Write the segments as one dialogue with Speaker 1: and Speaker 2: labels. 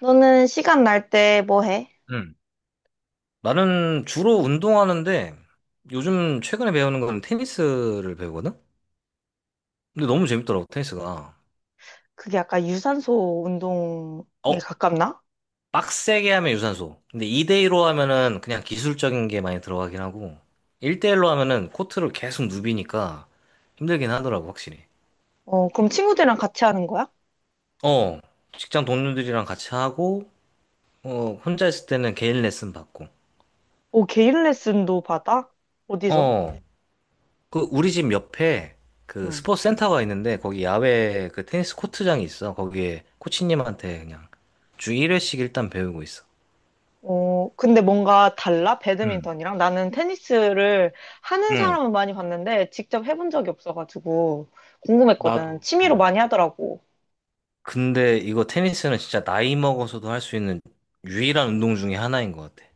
Speaker 1: 너는 시간 날 때 뭐 해?
Speaker 2: 음. 나는 주로 운동하는데 요즘 최근에 배우는 건 테니스를 배우거든? 근데 너무 재밌더라고, 테니스가.
Speaker 1: 그게 약간 유산소 운동에
Speaker 2: 어,
Speaker 1: 가깝나?
Speaker 2: 빡세게 하면 유산소. 근데 2대일로 하면은 그냥 기술적인 게 많이 들어가긴 하고 1대1로 하면은 코트를 계속 누비니까 힘들긴 하더라고, 확실히.
Speaker 1: 어, 그럼 친구들이랑 같이 하는 거야?
Speaker 2: 어, 직장 동료들이랑 같이 하고 어, 혼자 있을 때는 개인 레슨 받고.
Speaker 1: 오, 개인 레슨도 받아? 어디서?
Speaker 2: 어, 그 우리 집 옆에 그
Speaker 1: 응.
Speaker 2: 스포츠 센터가 있는데 거기 야외 그 테니스 코트장이 있어. 거기에 코치님한테 그냥 주 1회씩 일단 배우고 있어.
Speaker 1: 어, 근데 뭔가 달라?
Speaker 2: 응,
Speaker 1: 배드민턴이랑? 나는 테니스를 하는
Speaker 2: 응.
Speaker 1: 사람은 많이 봤는데 직접 해본 적이 없어가지고 궁금했거든.
Speaker 2: 나도.
Speaker 1: 취미로
Speaker 2: 응.
Speaker 1: 많이 하더라고.
Speaker 2: 근데 이거 테니스는 진짜 나이 먹어서도 할 수 있는 유일한 운동 중에 하나인 것 같아.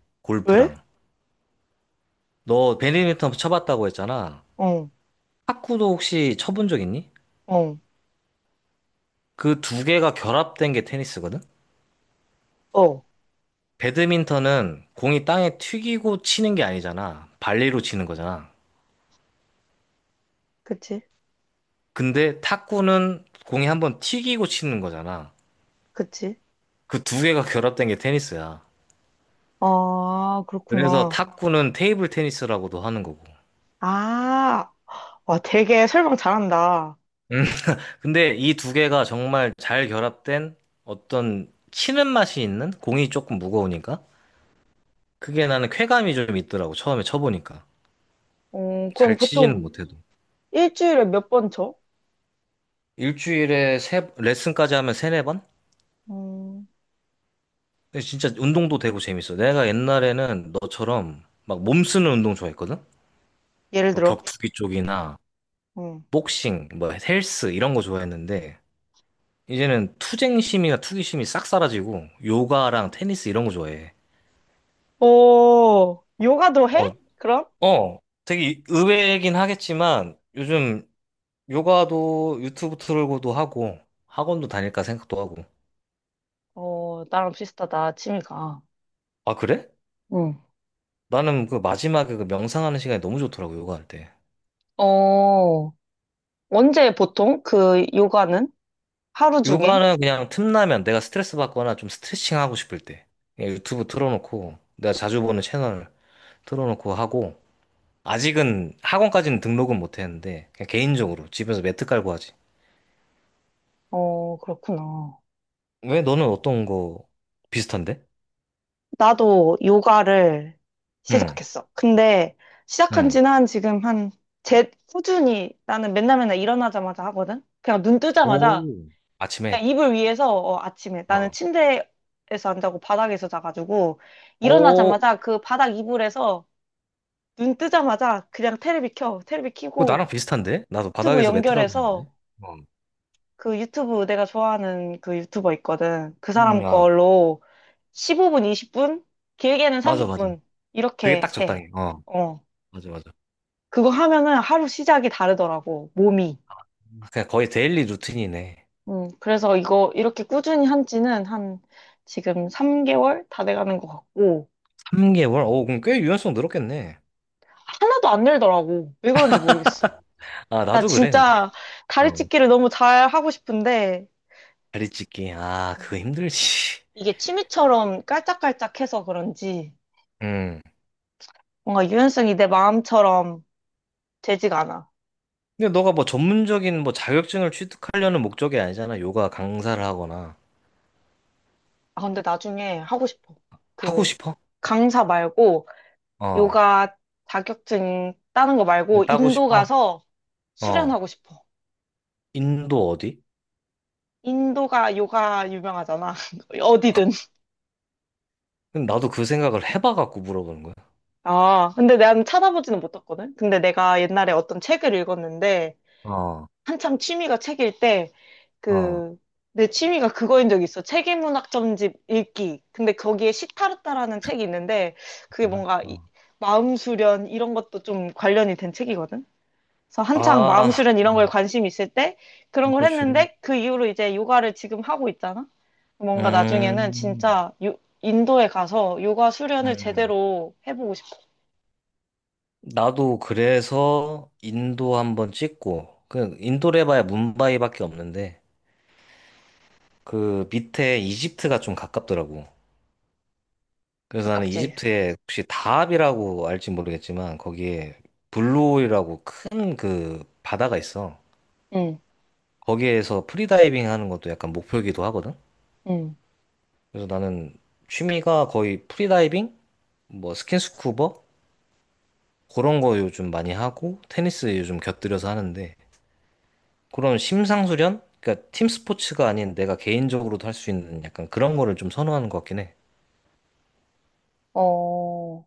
Speaker 1: 왜?
Speaker 2: 골프랑. 너 배드민턴 쳐봤다고 했잖아.
Speaker 1: 어,
Speaker 2: 탁구도 혹시 쳐본 적 있니?
Speaker 1: 어,
Speaker 2: 그 두 개가 결합된 게 테니스거든?
Speaker 1: 어.
Speaker 2: 배드민턴은 공이 땅에 튀기고 치는 게 아니잖아. 발리로 치는 거잖아.
Speaker 1: 그치?
Speaker 2: 근데 탁구는 공이 한번 튀기고 치는 거잖아.
Speaker 1: 그치?
Speaker 2: 그 두 개가 결합된 게 테니스야.
Speaker 1: 아,
Speaker 2: 그래서
Speaker 1: 그렇구나.
Speaker 2: 탁구는 테이블 테니스라고도 하는 거고.
Speaker 1: 아, 와, 되게 설명 잘한다.
Speaker 2: 근데 이 두 개가 정말 잘 결합된 어떤 치는 맛이 있는 공이 조금 무거우니까 그게 나는 쾌감이 좀 있더라고. 처음에 쳐보니까.
Speaker 1: 어, 그럼
Speaker 2: 잘 치지는
Speaker 1: 보통
Speaker 2: 못해도.
Speaker 1: 일주일에 몇 번 쳐?
Speaker 2: 일주일에 레슨까지 하면 세네 번?
Speaker 1: 음,
Speaker 2: 근데 진짜 운동도 되고 재밌어. 내가 옛날에는 너처럼 막 몸쓰는 운동 좋아했거든?
Speaker 1: 예를
Speaker 2: 뭐
Speaker 1: 들어.
Speaker 2: 격투기 쪽이나
Speaker 1: 음.
Speaker 2: 복싱, 뭐 헬스 이런 거 좋아했는데 이제는 투쟁심이나 투기심이 싹 사라지고 요가랑 테니스 이런 거 좋아해.
Speaker 1: 오, 요가도 해?
Speaker 2: 어,
Speaker 1: 그럼?
Speaker 2: 어, 되게 의외이긴 하겠지만 요즘 요가도 유튜브 틀고도 하고 학원도 다닐까 생각도 하고.
Speaker 1: 어, 나랑 비슷하다, 취미가.
Speaker 2: 아, 그래?
Speaker 1: 응.
Speaker 2: 나는 그 마지막에 그 명상하는 시간이 너무 좋더라고, 요가할 때.
Speaker 1: 어, 언제 보통 그 요가는? 하루 중에?
Speaker 2: 요가는 그냥 틈나면 내가 스트레스 받거나 좀 스트레칭 하고 싶을 때 그냥 유튜브 틀어놓고 내가 자주 보는 채널 틀어놓고 하고 아직은 학원까지는 등록은 못 했는데 그냥 개인적으로 집에서 매트 깔고 하지.
Speaker 1: 어, 그렇구나.
Speaker 2: 왜 너는 어떤 거 비슷한데?
Speaker 1: 나도 요가를
Speaker 2: 응,
Speaker 1: 시작했어. 근데 시작한
Speaker 2: 응.
Speaker 1: 지는 한 지금 한, 제, 꾸준히 나는 맨날 맨날 일어나자마자 하거든? 그냥 눈 뜨자마자
Speaker 2: 오.
Speaker 1: 그냥
Speaker 2: 아침에.
Speaker 1: 이불 위에서 어, 아침에 나는
Speaker 2: 어.
Speaker 1: 침대에서 안 자고 바닥에서 자가지고
Speaker 2: 오,
Speaker 1: 일어나자마자 그 바닥 이불에서 눈 뜨자마자 그냥 테레비 켜 테레비
Speaker 2: 그거
Speaker 1: 켜고
Speaker 2: 나랑 비슷한데? 나도
Speaker 1: 유튜브
Speaker 2: 바닥에서 매트 깔고
Speaker 1: 연결해서
Speaker 2: 자는데. 어.
Speaker 1: 그 유튜브 내가 좋아하는 그 유튜버 있거든 그
Speaker 2: 응,
Speaker 1: 사람
Speaker 2: 아,
Speaker 1: 걸로 15분 20분 길게는
Speaker 2: 맞아, 맞아.
Speaker 1: 30분
Speaker 2: 그게
Speaker 1: 이렇게
Speaker 2: 딱
Speaker 1: 해.
Speaker 2: 적당해. 어,
Speaker 1: 어,
Speaker 2: 맞아, 맞아.
Speaker 1: 그거 하면은 하루 시작이 다르더라고, 몸이.
Speaker 2: 그냥 거의 데일리 루틴이네.
Speaker 1: 음, 그래서 이거 이렇게 꾸준히 한 지는 한 지금 3개월 다 돼가는 것 같고.
Speaker 2: 3개월? 오, 그럼 꽤 유연성 늘었겠네.
Speaker 1: 하나도 안 늘더라고. 왜 그런지 모르겠어.
Speaker 2: 아,
Speaker 1: 나
Speaker 2: 나도 그래, 근데.
Speaker 1: 진짜 다리
Speaker 2: 어.
Speaker 1: 찢기를 너무 잘 하고 싶은데
Speaker 2: 다리 찢기. 아, 그거 힘들지.
Speaker 1: 이게 취미처럼 깔짝깔짝해서 그런지
Speaker 2: 응.
Speaker 1: 뭔가 유연성이 내 마음처럼 되지가 않아.
Speaker 2: 근데 너가 뭐 전문적인 뭐 자격증을 취득하려는 목적이 아니잖아. 요가 강사를 하거나.
Speaker 1: 아, 근데 나중에 하고 싶어.
Speaker 2: 하고
Speaker 1: 그
Speaker 2: 싶어?
Speaker 1: 강사 말고
Speaker 2: 어.
Speaker 1: 요가 자격증 따는 거
Speaker 2: 네,
Speaker 1: 말고
Speaker 2: 따고
Speaker 1: 인도
Speaker 2: 싶어?
Speaker 1: 가서
Speaker 2: 어.
Speaker 1: 수련하고 싶어.
Speaker 2: 인도 어디?
Speaker 1: 인도가 요가 유명하잖아. 어디든.
Speaker 2: 근데 나도 그 생각을 해봐갖고 물어보는 거야.
Speaker 1: 아, 근데 난 찾아보지는 못했거든. 근데 내가 옛날에 어떤 책을 읽었는데
Speaker 2: 어,
Speaker 1: 한참 취미가 책일 때,
Speaker 2: 어.
Speaker 1: 그, 내 취미가 그거인 적이 있어. 세계문학점집 읽기. 근데 거기에 시타르타라는 책이 있는데, 그게 뭔가
Speaker 2: 알았어.
Speaker 1: 마음 수련 이런 것도 좀 관련이 된 책이거든. 그래서 한창 마음
Speaker 2: 아,
Speaker 1: 수련 이런 거에
Speaker 2: 음,
Speaker 1: 관심 있을 때 그런 걸
Speaker 2: 그거 중요해.
Speaker 1: 했는데, 그 이후로 이제 요가를 지금 하고 있잖아. 뭔가 나중에는
Speaker 2: 음,
Speaker 1: 진짜 인도에 가서 요가 수련을
Speaker 2: 음.
Speaker 1: 제대로 해보고 싶어.
Speaker 2: 나도 그래서 인도 한번 찍고, 그 인도를 해봐야 뭄바이밖에 없는데, 그 밑에 이집트가 좀 가깝더라고. 그래서 나는
Speaker 1: 가깝지?
Speaker 2: 이집트에 혹시 다합이라고 알지 모르겠지만 거기에 블루홀이라고 큰 그 바다가 있어.
Speaker 1: 응,
Speaker 2: 거기에서 프리다이빙 하는 것도 약간 목표이기도 하거든.
Speaker 1: 응.
Speaker 2: 그래서 나는 취미가 거의 프리다이빙, 뭐 스킨스쿠버 그런 거 요즘 많이 하고 테니스 요즘 곁들여서 하는데 그런 심상수련? 그러니까 팀 스포츠가 아닌 내가 개인적으로도 할 수 있는 약간 그런 거를 좀 선호하는 것 같긴 해.
Speaker 1: 어,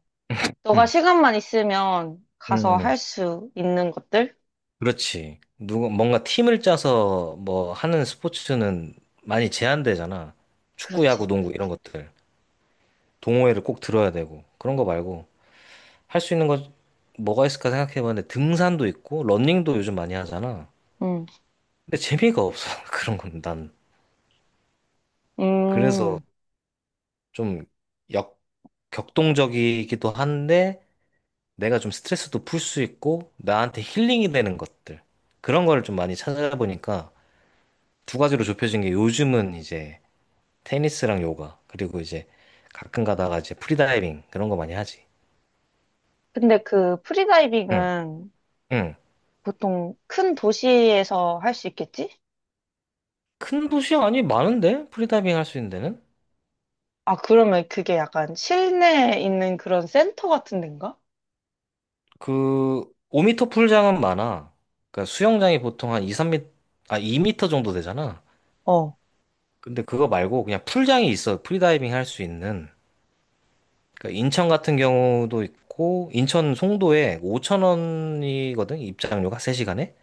Speaker 1: 너가
Speaker 2: 음.
Speaker 1: 시간만 있으면 가서
Speaker 2: 음.
Speaker 1: 할 수 있는 것들?
Speaker 2: 그렇지. 누가 뭔가 팀을 짜서 뭐 하는 스포츠는 많이 제한되잖아. 축구, 야구,
Speaker 1: 그렇지.
Speaker 2: 농구 이런 것들. 동호회를 꼭 들어야 되고 그런 거 말고 할 수 있는 거 뭐가 있을까 생각해봤는데 등산도 있고 러닝도 요즘 많이 하잖아.
Speaker 1: 음.
Speaker 2: 근데 재미가 없어. 그런 건 난. 그래서
Speaker 1: 음.
Speaker 2: 좀 역, 격동적이기도 한데 내가 좀 스트레스도 풀 수 있고 나한테 힐링이 되는 것들. 그런 거를 좀 많이 찾아보니까 두 가지로 좁혀진 게 요즘은 이제 테니스랑 요가 그리고 이제 가끔 가다가 이제 프리다이빙 그런 거 많이 하지.
Speaker 1: 근데 그
Speaker 2: 응,
Speaker 1: 프리다이빙은
Speaker 2: 응.
Speaker 1: 보통 큰 도시에서 할 수 있겠지?
Speaker 2: 큰 도시 아니 많은데 프리다이빙 할 수 있는 데는
Speaker 1: 아, 그러면 그게 약간 실내에 있는 그런 센터 같은 데인가?
Speaker 2: 그 5m 풀장은 많아. 그러니까 수영장이 보통 한 2, 3m 아2터 정도 되잖아.
Speaker 1: 어,
Speaker 2: 근데 그거 말고 그냥 풀장이 있어 프리다이빙 할 수 있는. 그러니까 인천 같은 경우도 있고 인천 송도에 5천 원이거든 입장료가 3시간에.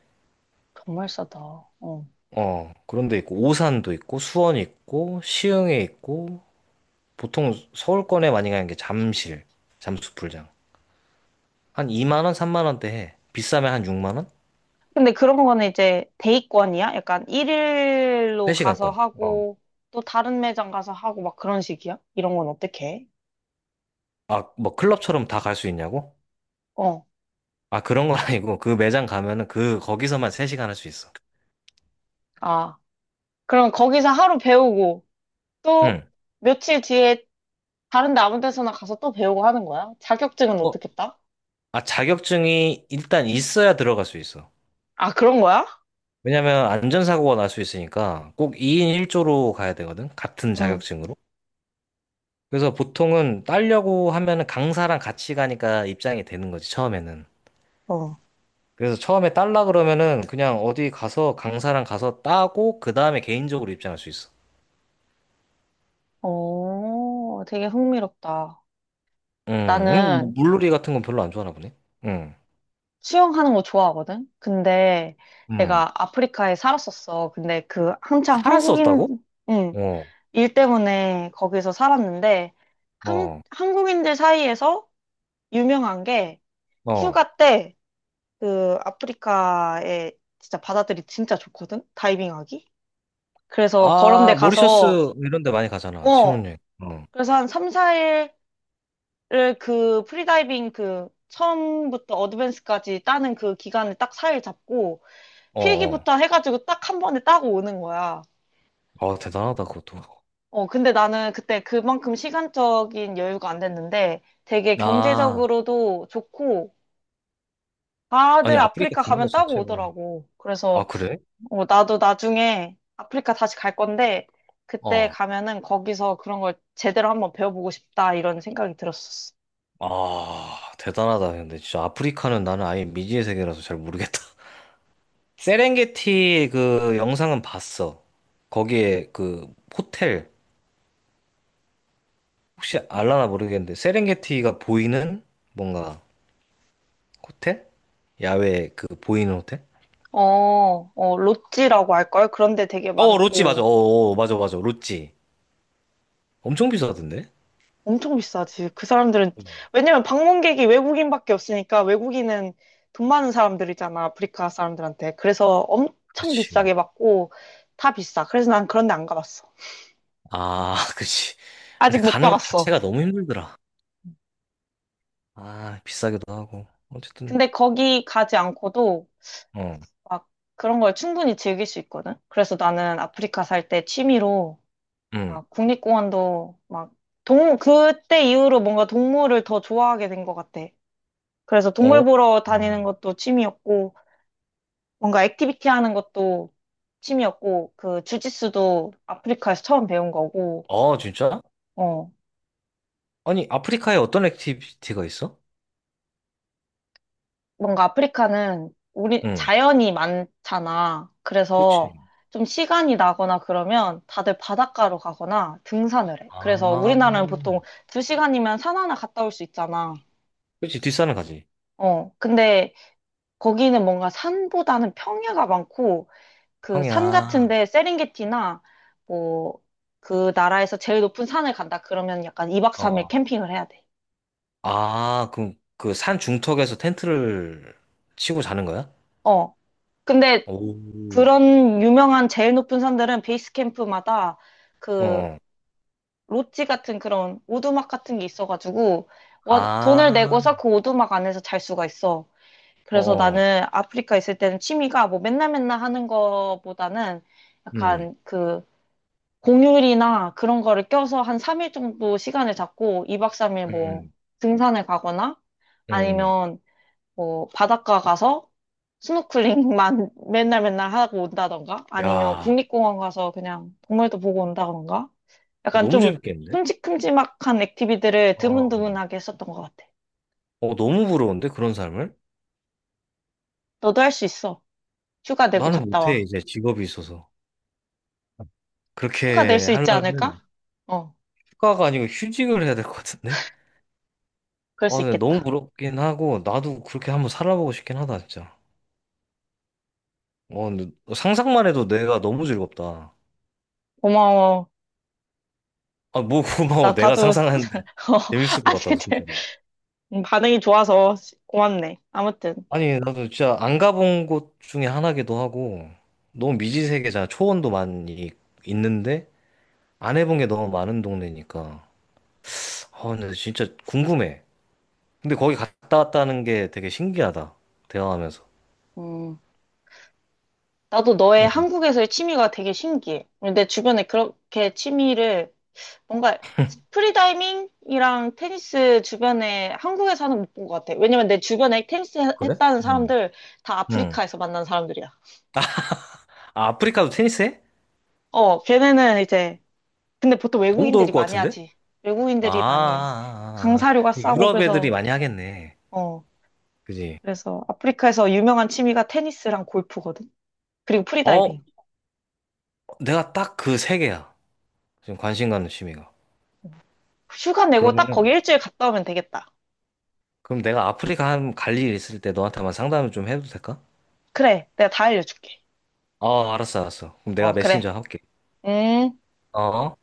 Speaker 1: 정말 싸다. 어.
Speaker 2: 어, 그런 데 있고 오산도 있고 수원 있고 시흥에 있고 보통 서울권에 많이 가는 게 잠실, 잠수풀장. 한 2만 원, 3만 원대 해. 비싸면 한 6만 원?
Speaker 1: 근데 그런 거는 이제 데이권이야? 약간 일일로 가서
Speaker 2: 3시간권. 어.
Speaker 1: 하고 또 다른 매장 가서 하고 막 그런 식이야? 이런 건 어떻게 해?
Speaker 2: 아, 뭐 클럽처럼 다 갈 수 있냐고?
Speaker 1: 어.
Speaker 2: 아, 그런 건 아니고 그 매장 가면은 그 거기서만 3시간 할 수 있어.
Speaker 1: 아, 그럼 거기서 하루 배우고
Speaker 2: 응.
Speaker 1: 또 며칠 뒤에 다른 데 아무 데서나 가서 또 배우고 하는 거야? 자격증은
Speaker 2: 어,
Speaker 1: 어떻게 따?
Speaker 2: 아, 자격증이 일단 있어야 들어갈 수 있어.
Speaker 1: 아, 그런 거야?
Speaker 2: 왜냐면 안전사고가 날 수 있으니까 꼭 2인 1조로 가야 되거든. 같은
Speaker 1: 응,
Speaker 2: 자격증으로. 그래서 보통은 따려고 하면은 강사랑 같이 가니까 입장이 되는 거지, 처음에는.
Speaker 1: 어.
Speaker 2: 그래서 처음에 딸라 그러면은 그냥 어디 가서 강사랑 가서 따고 그 다음에 개인적으로 입장할 수 있어.
Speaker 1: 오, 되게 흥미롭다.
Speaker 2: 뭐
Speaker 1: 나는
Speaker 2: 물놀이 같은 건 별로 안 좋아하나 보네. 음,
Speaker 1: 수영하는 거 좋아하거든? 근데
Speaker 2: 음.
Speaker 1: 내가 아프리카에 살았었어. 근데 그 한창 한국인,
Speaker 2: 살았었다고?
Speaker 1: 응,
Speaker 2: 어,
Speaker 1: 일 때문에 거기서 살았는데,
Speaker 2: 어,
Speaker 1: 한국인들 사이에서 유명한 게
Speaker 2: 어.
Speaker 1: 휴가 때 그 아프리카에 진짜 바다들이 진짜 좋거든? 다이빙하기? 그래서 그런데
Speaker 2: 아,
Speaker 1: 가서,
Speaker 2: 모리셔스 이런 데 많이 가잖아.
Speaker 1: 어,
Speaker 2: 신혼여행. 어,
Speaker 1: 그래서 한 3, 4일을 그 프리다이빙 그 처음부터 어드밴스까지 따는 그 기간을 딱 4일 잡고
Speaker 2: 어, 어.
Speaker 1: 필기부터 해가지고 딱 한 번에 따고 오는 거야.
Speaker 2: 아, 대단하다, 그것도.
Speaker 1: 어, 근데 나는 그때 그만큼 시간적인 여유가 안 됐는데 되게
Speaker 2: 아,
Speaker 1: 경제적으로도 좋고
Speaker 2: 아니,
Speaker 1: 다들
Speaker 2: 아프리카
Speaker 1: 아프리카
Speaker 2: 가는 것
Speaker 1: 가면 따고
Speaker 2: 자체가.
Speaker 1: 오더라고.
Speaker 2: 아,
Speaker 1: 그래서
Speaker 2: 그래?
Speaker 1: 어, 나도 나중에 아프리카 다시 갈 건데, 그때
Speaker 2: 어.
Speaker 1: 가면은 거기서 그런 걸 제대로 한번 배워보고 싶다, 이런 생각이 들었었어.
Speaker 2: 아, 대단하다. 근데 진짜 아프리카는 나는 아예 미지의 세계라서 잘 모르겠다. 세렝게티 그 영상은 봤어. 거기에 그 호텔 혹시 알라나 모르겠는데 세렝게티가 보이는 뭔가 호텔? 야외 그 보이는 호텔?
Speaker 1: 어, 어, 로찌라고 할걸? 그런데 되게
Speaker 2: 어, 로지 맞아. 어,
Speaker 1: 많고,
Speaker 2: 어, 어, 맞아 맞아. 로지 엄청 비싸던데?
Speaker 1: 엄청 비싸지. 그 사람들은, 왜냐면 방문객이 외국인밖에 없으니까, 외국인은 돈 많은 사람들이잖아, 아프리카 사람들한테. 그래서 엄청
Speaker 2: 그렇지.
Speaker 1: 비싸게 받고, 다 비싸. 그래서 난 그런 데 안 가봤어.
Speaker 2: 아, 그렇지.
Speaker 1: 아직
Speaker 2: 근데
Speaker 1: 못
Speaker 2: 가는 것
Speaker 1: 가봤어.
Speaker 2: 자체가 너무 힘들더라. 아, 비싸기도 하고. 어쨌든,
Speaker 1: 근데 거기 가지 않고도,
Speaker 2: 어,
Speaker 1: 막 그런 걸 충분히 즐길 수 있거든. 그래서 나는 아프리카 살 때 취미로
Speaker 2: 응,
Speaker 1: 막 국립공원도 막 그때 이후로 뭔가 동물을 더 좋아하게 된 것 같아. 그래서
Speaker 2: 어,
Speaker 1: 동물 보러
Speaker 2: 어.
Speaker 1: 다니는 것도 취미였고, 뭔가 액티비티 하는 것도 취미였고, 그 주짓수도 아프리카에서 처음 배운 거고,
Speaker 2: 어, 진짜?
Speaker 1: 어,
Speaker 2: 아니, 아프리카에 어떤 액티비티가 있어?
Speaker 1: 뭔가 아프리카는 우리
Speaker 2: 응,
Speaker 1: 자연이 많잖아.
Speaker 2: 그치.
Speaker 1: 그래서 좀 시간이 나거나 그러면 다들 바닷가로 가거나 등산을 해. 그래서
Speaker 2: 아,
Speaker 1: 우리나라는 보통 두 시간이면 산 하나 갔다 올 수 있잖아.
Speaker 2: 그렇지. 뒷산을 가지.
Speaker 1: 어, 근데 거기는 뭔가 산보다는 평야가 많고 그 산
Speaker 2: 평양.
Speaker 1: 같은데 세렝게티나 뭐 그 나라에서 제일 높은 산을 간다 그러면 약간 2박
Speaker 2: 어,
Speaker 1: 3일
Speaker 2: 어.
Speaker 1: 캠핑을 해야 돼.
Speaker 2: 아, 그럼 그 산 중턱에서 텐트를 치고 자는 거야?
Speaker 1: 어, 근데
Speaker 2: 오.
Speaker 1: 그런 유명한 제일 높은 산들은 베이스 캠프마다
Speaker 2: 어.
Speaker 1: 그
Speaker 2: 어.
Speaker 1: 롯지 같은 그런 오두막 같은 게 있어가지고 돈을
Speaker 2: 아,
Speaker 1: 내고서 그 오두막 안에서 잘 수가 있어. 그래서
Speaker 2: 어. 어.
Speaker 1: 나는 아프리카 있을 때는 취미가 뭐 맨날 맨날 하는 거보다는
Speaker 2: 음.
Speaker 1: 약간 그 공휴일이나 그런 거를 껴서 한 3일 정도 시간을 잡고 2박 3일 뭐
Speaker 2: 음.
Speaker 1: 등산을 가거나
Speaker 2: 음. 음.
Speaker 1: 아니면 뭐 바닷가 가서 스노클링만 맨날 맨날 하고 온다던가 아니면
Speaker 2: 야,
Speaker 1: 국립공원 가서 그냥 동물도 보고 온다던가 약간
Speaker 2: 너무
Speaker 1: 좀
Speaker 2: 재밌겠는데?
Speaker 1: 큼직큼직한 액티비티를
Speaker 2: 어.
Speaker 1: 드문드문하게 했었던 것 같아.
Speaker 2: 어, 너무 부러운데 그런 삶을?
Speaker 1: 너도 할 수 있어. 휴가 내고
Speaker 2: 나는
Speaker 1: 갔다
Speaker 2: 못해.
Speaker 1: 와.
Speaker 2: 이제 직업이 있어서.
Speaker 1: 휴가 낼
Speaker 2: 그렇게
Speaker 1: 수 있지 않을까?
Speaker 2: 하려면
Speaker 1: 어,
Speaker 2: 휴가가 아니고 휴직을 해야 될 것 같은데?
Speaker 1: 그럴
Speaker 2: 아,
Speaker 1: 수
Speaker 2: 근데 너무
Speaker 1: 있겠다.
Speaker 2: 부럽긴 하고 나도 그렇게 한번 살아보고 싶긴 하다, 진짜. 어, 근데 상상만 해도 내가 너무 즐겁다.
Speaker 1: 고마워.
Speaker 2: 아, 뭐 고마워.
Speaker 1: 나
Speaker 2: 내가
Speaker 1: 다도 어,
Speaker 2: 상상하는데 재밌을 것
Speaker 1: 아니
Speaker 2: 같다고,
Speaker 1: 근데
Speaker 2: 진짜로.
Speaker 1: 반응이 좋아서 고맙네. 아무튼
Speaker 2: 아니, 나도 진짜 안 가본 곳 중에 하나기도 하고, 너무 미지 세계잖아. 초원도 많이 있는데, 안 해본 게 너무 많은 동네니까. 아, 근데 진짜 궁금해. 근데 거기 갔다 왔다는 게 되게 신기하다. 대화하면서.
Speaker 1: 음. 나도 너의
Speaker 2: 응.
Speaker 1: 한국에서의 취미가 되게 신기해. 내 주변에 그렇게 취미를 뭔가 프리다이밍이랑 테니스 주변에 한국에서 하는 못 본 것 같아. 왜냐면 내 주변에
Speaker 2: 그래?
Speaker 1: 했다는
Speaker 2: 응.
Speaker 1: 사람들 다
Speaker 2: 응.
Speaker 1: 아프리카에서 만난 사람들이야.
Speaker 2: 아, 아프리카도 테니스 해?
Speaker 1: 어, 걔네는 이제 근데 보통
Speaker 2: 너무 더울
Speaker 1: 외국인들이
Speaker 2: 것
Speaker 1: 많이
Speaker 2: 같은데?
Speaker 1: 하지.
Speaker 2: 아, 아,
Speaker 1: 외국인들이 많이 해.
Speaker 2: 아, 아.
Speaker 1: 강사료가 싸고
Speaker 2: 유럽 애들이
Speaker 1: 그래서
Speaker 2: 많이 하겠네.
Speaker 1: 어,
Speaker 2: 그지?
Speaker 1: 그래서 아프리카에서 유명한 취미가 테니스랑 골프거든. 그리고
Speaker 2: 어,
Speaker 1: 프리다이빙.
Speaker 2: 내가 딱 그 세 개야. 지금 관심 가는 취미가.
Speaker 1: 어. 휴가 내고 딱 거기
Speaker 2: 그러면은,
Speaker 1: 일주일 갔다 오면 되겠다.
Speaker 2: 그럼 내가 아프리카 한 갈 일 있을 때 너한테만 상담을 좀 해도 될까?
Speaker 1: 그래, 내가 다 알려줄게.
Speaker 2: 어, 알았어, 알았어. 그럼 내가
Speaker 1: 어, 그래.
Speaker 2: 메신저 할게.
Speaker 1: 음.
Speaker 2: 어.